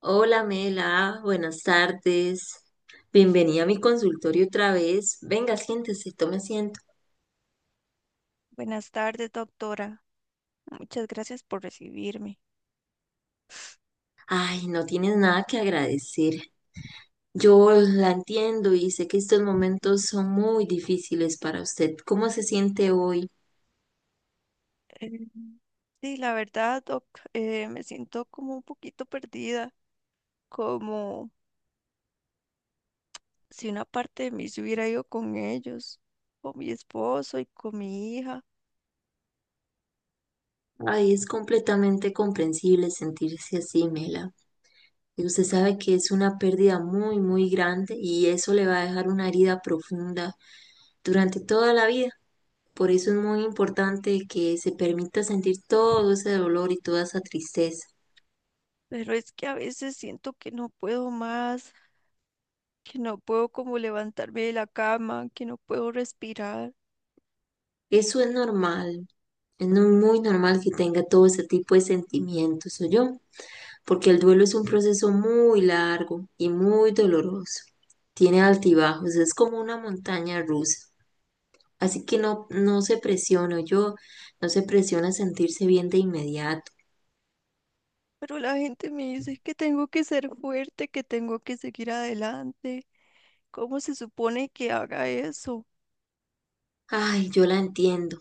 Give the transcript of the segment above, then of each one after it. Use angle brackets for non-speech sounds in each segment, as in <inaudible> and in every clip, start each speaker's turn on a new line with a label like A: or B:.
A: Hola Mela, buenas tardes. Bienvenida a mi consultorio otra vez. Venga, siéntese, tome asiento.
B: Buenas tardes, doctora. Muchas gracias por recibirme.
A: Ay, no tienes nada que agradecer. Yo la entiendo y sé que estos momentos son muy difíciles para usted. ¿Cómo se siente hoy?
B: Eh, sí, la verdad, doc, me siento como un poquito perdida, como si una parte de mí se hubiera ido con ellos, con mi esposo y con mi hija.
A: Ay, es completamente comprensible sentirse así, Mela. Y usted sabe que es una pérdida muy, muy grande y eso le va a dejar una herida profunda durante toda la vida. Por eso es muy importante que se permita sentir todo ese dolor y toda esa tristeza.
B: Pero es que a veces siento que no puedo más, que no puedo como levantarme de la cama, que no puedo respirar.
A: Eso es normal, es muy normal que tenga todo ese tipo de sentimientos, porque el duelo es un proceso muy largo y muy doloroso. Tiene altibajos, es como una montaña rusa. Así que no, no se presiona, no se presiona a sentirse bien de inmediato.
B: Pero la gente me dice que tengo que ser fuerte, que tengo que seguir adelante. ¿Cómo se supone que haga eso?
A: Ay, yo la entiendo.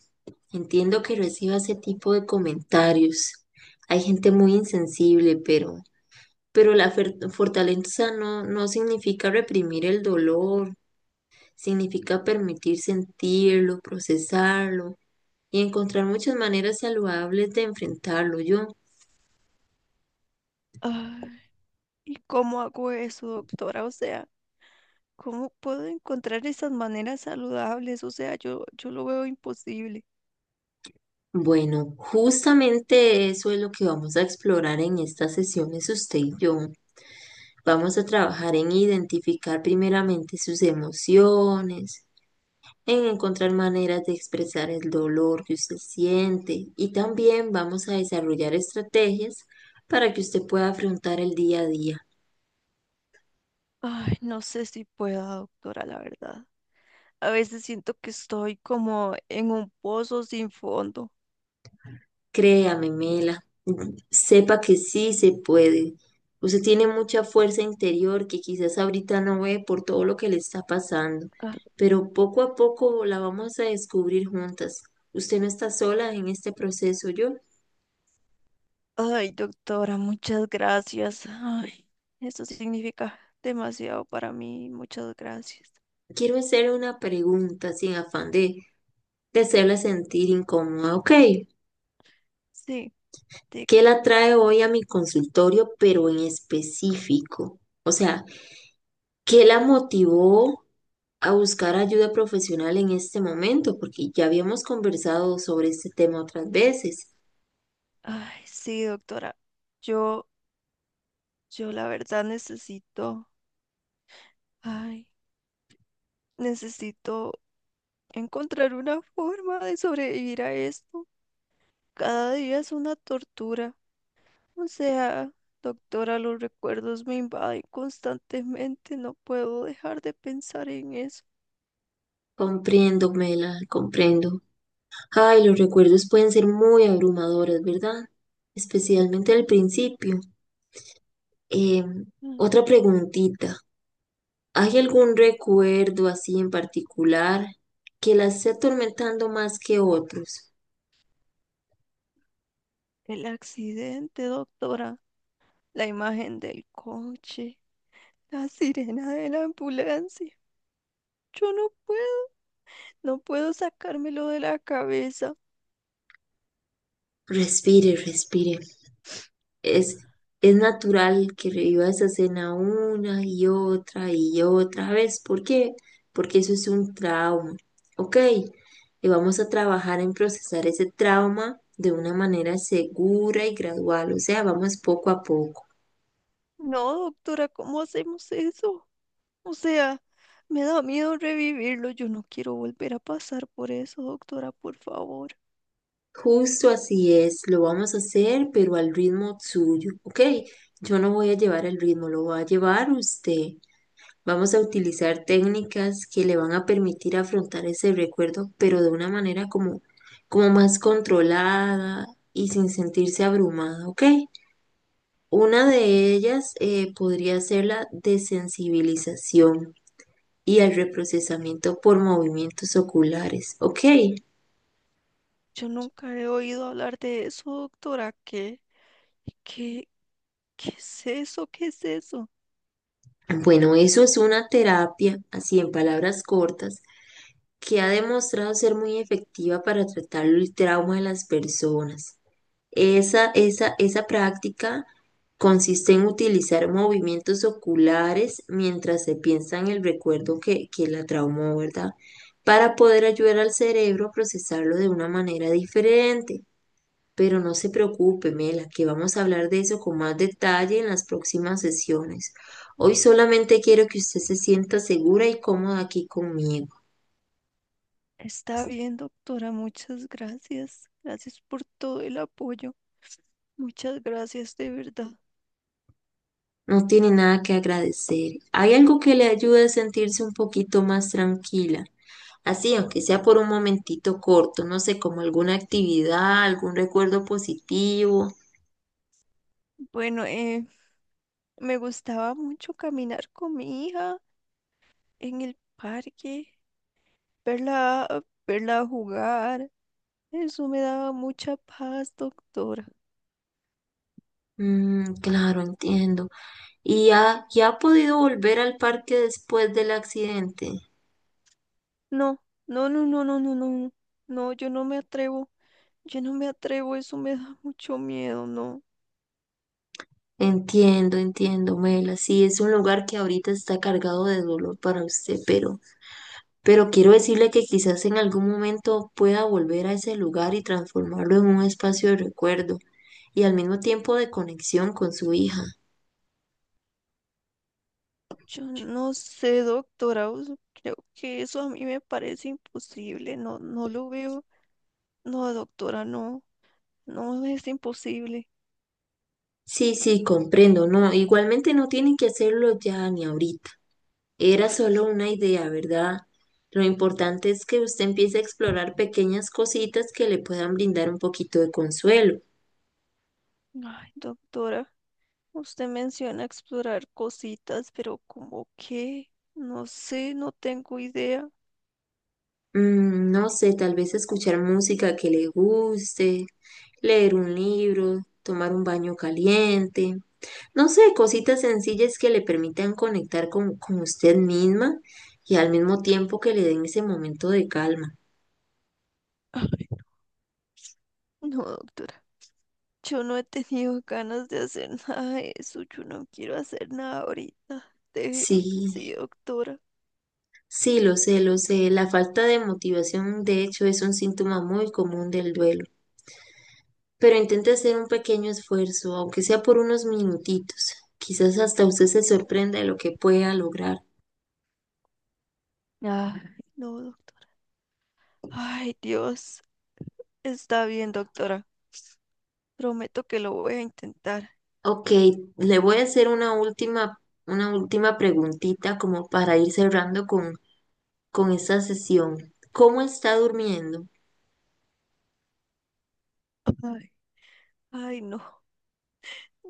A: Entiendo que reciba ese tipo de comentarios. Hay gente muy insensible, pero la fortaleza no, no significa reprimir el dolor, significa permitir sentirlo, procesarlo y encontrar muchas maneras saludables de enfrentarlo.
B: Ay, ¿y cómo hago eso, doctora? O sea, ¿cómo puedo encontrar esas maneras saludables? O sea, yo lo veo imposible.
A: Bueno, justamente eso es lo que vamos a explorar en estas sesiones usted y yo. Vamos a trabajar en identificar primeramente sus emociones en encontrar maneras de expresar el dolor que usted siente y también vamos a desarrollar estrategias para que usted pueda afrontar el día a día.
B: Ay, no sé si pueda, doctora, la verdad. A veces siento que estoy como en un pozo sin fondo.
A: Créame, Mela, sepa que sí se puede. Usted tiene mucha fuerza interior que quizás ahorita no ve por todo lo que le está pasando,
B: Ah,
A: pero poco a poco la vamos a descubrir juntas. Usted no está sola en este proceso. Yo
B: ay, doctora, muchas gracias. Ay, eso significa demasiado para mí. Muchas gracias.
A: quiero hacerle una pregunta sin afán de hacerla sentir incómoda, ¿ok?
B: Sí,
A: ¿Qué
B: diga.
A: la trae hoy a mi consultorio, pero en específico? O sea, ¿qué la motivó a buscar ayuda profesional en este momento? Porque ya habíamos conversado sobre este tema otras veces.
B: Ay, sí, doctora. Yo, yo la verdad necesito. Ay. Necesito encontrar una forma de sobrevivir a esto. Cada día es una tortura. O sea, doctora, los recuerdos me invaden constantemente. No puedo dejar de pensar en eso.
A: Comprendo, Mela, comprendo. Ay, los recuerdos pueden ser muy abrumadores, ¿verdad? Especialmente al principio. Eh,
B: Mm.
A: otra preguntita. ¿Hay algún recuerdo así en particular que la esté atormentando más que otros?
B: El accidente, doctora. La imagen del coche. La sirena de la ambulancia. Yo no puedo. No puedo sacármelo de la cabeza.
A: Respire, respire. Es, es natural que reviva esa escena una y otra vez. ¿Por qué? Porque eso es un trauma. Ok, y vamos a trabajar en procesar ese trauma de una manera segura y gradual. O sea, vamos poco a poco.
B: No, doctora, ¿cómo hacemos eso? O sea... me da miedo revivirlo. Yo no quiero volver a pasar por eso, doctora, por favor.
A: Justo así es, lo vamos a hacer, pero al ritmo suyo. Ok, yo no voy a llevar el ritmo, lo va a llevar usted. Vamos a utilizar técnicas que le van a permitir afrontar ese recuerdo, pero de una manera como más controlada y sin sentirse abrumada, ¿ok? Una de ellas podría ser la desensibilización y el reprocesamiento por movimientos oculares, ¿ok?
B: Yo nunca he oído hablar de eso, doctora. ¿Qué? ¿Qué? ¿Qué es eso? ¿Qué es eso?
A: Bueno, eso es una terapia, así en palabras cortas, que ha demostrado ser muy efectiva para tratar el trauma de las personas. Esa práctica consiste en utilizar movimientos oculares mientras se piensa en el recuerdo que la traumó, ¿verdad? Para poder ayudar al cerebro a procesarlo de una manera diferente. Pero no se preocupe, Mela, que vamos a hablar de eso con más detalle en las próximas sesiones. Hoy solamente quiero que usted se sienta segura y cómoda aquí conmigo.
B: Está bien, doctora. Muchas gracias. Gracias por todo el apoyo. Muchas gracias, de verdad.
A: No tiene nada que agradecer. Hay algo que le ayude a sentirse un poquito más tranquila. Así, aunque sea por un momentito corto, no sé, como alguna actividad, algún recuerdo positivo.
B: Bueno, me gustaba mucho caminar con mi hija en el parque, verla, verla jugar. Eso me daba mucha paz, doctora.
A: Mm, claro, entiendo. ¿Y y ha podido volver al parque después del accidente?
B: No, no, no, no, no, no, no, no, no, yo no me atrevo, yo no me atrevo, eso me da mucho miedo. No,
A: Entiendo, entiendo, Mela. Sí, es un lugar que ahorita está cargado de dolor para usted, pero quiero decirle que quizás en algún momento pueda volver a ese lugar y transformarlo en un espacio de recuerdo y al mismo tiempo de conexión con su hija.
B: yo no sé, doctora, creo que eso a mí me parece imposible, no, no lo veo, no, doctora, no, no es imposible.
A: Sí, sí, comprendo, no, igualmente no tienen que hacerlo ya ni ahorita. Era solo una idea, ¿verdad? Lo importante es que usted empiece a explorar pequeñas cositas que le puedan brindar un poquito de consuelo.
B: Ay, doctora, usted menciona explorar cositas, pero ¿cómo qué? No sé, no tengo idea.
A: Mm, no sé, tal vez escuchar música que le guste, leer un libro, tomar un baño caliente. No sé, cositas sencillas que le permitan conectar con usted misma y al mismo tiempo que le den ese momento de calma.
B: <laughs> No, doctora. Yo no he tenido ganas de hacer <laughs> nada de eso. Yo no quiero hacer nada ahorita. Déjeme
A: Sí,
B: así, doctora.
A: sí, lo sé, lo sé. La falta de motivación, de hecho, es un síntoma muy común del duelo. Pero intente hacer un pequeño esfuerzo, aunque sea por unos minutitos. Quizás hasta usted se sorprenda de lo que pueda lograr.
B: Ay, no, ay, Dios. Está bien, doctora. Prometo que lo voy a intentar.
A: Ok, le voy a hacer una última preguntita como para ir cerrando con esta sesión. ¿Cómo está durmiendo?
B: Ay, ay, no.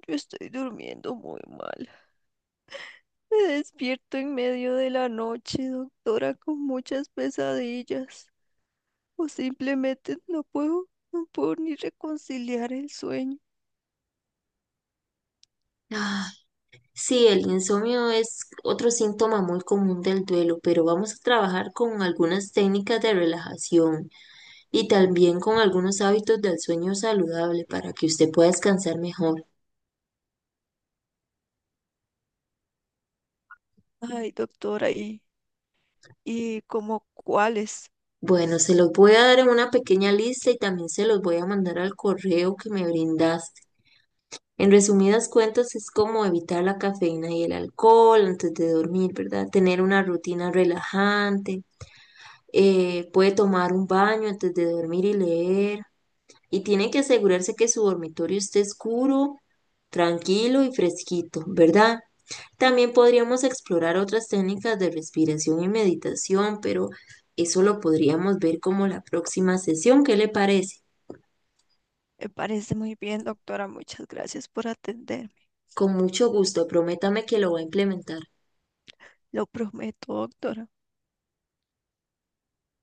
B: Yo estoy durmiendo muy mal. Me despierto en medio de la noche, doctora, con muchas pesadillas. O simplemente no puedo, no puedo ni reconciliar el sueño.
A: Ah, sí, el insomnio es otro síntoma muy común del duelo, pero vamos a trabajar con algunas técnicas de relajación y también con algunos hábitos del sueño saludable para que usted pueda descansar mejor.
B: Ay, doctora, y como cuáles?
A: Bueno, se los voy a dar en una pequeña lista y también se los voy a mandar al correo que me brindaste. En resumidas cuentas, es como evitar la cafeína y el alcohol antes de dormir, ¿verdad? Tener una rutina relajante, puede tomar un baño antes de dormir y leer. Y tienen que asegurarse que su dormitorio esté oscuro, tranquilo y fresquito, ¿verdad? También podríamos explorar otras técnicas de respiración y meditación, pero eso lo podríamos ver como la próxima sesión. ¿Qué le parece?
B: Me parece muy bien, doctora. Muchas gracias por atenderme.
A: Con mucho gusto, prométame que lo va a implementar.
B: Lo prometo, doctora.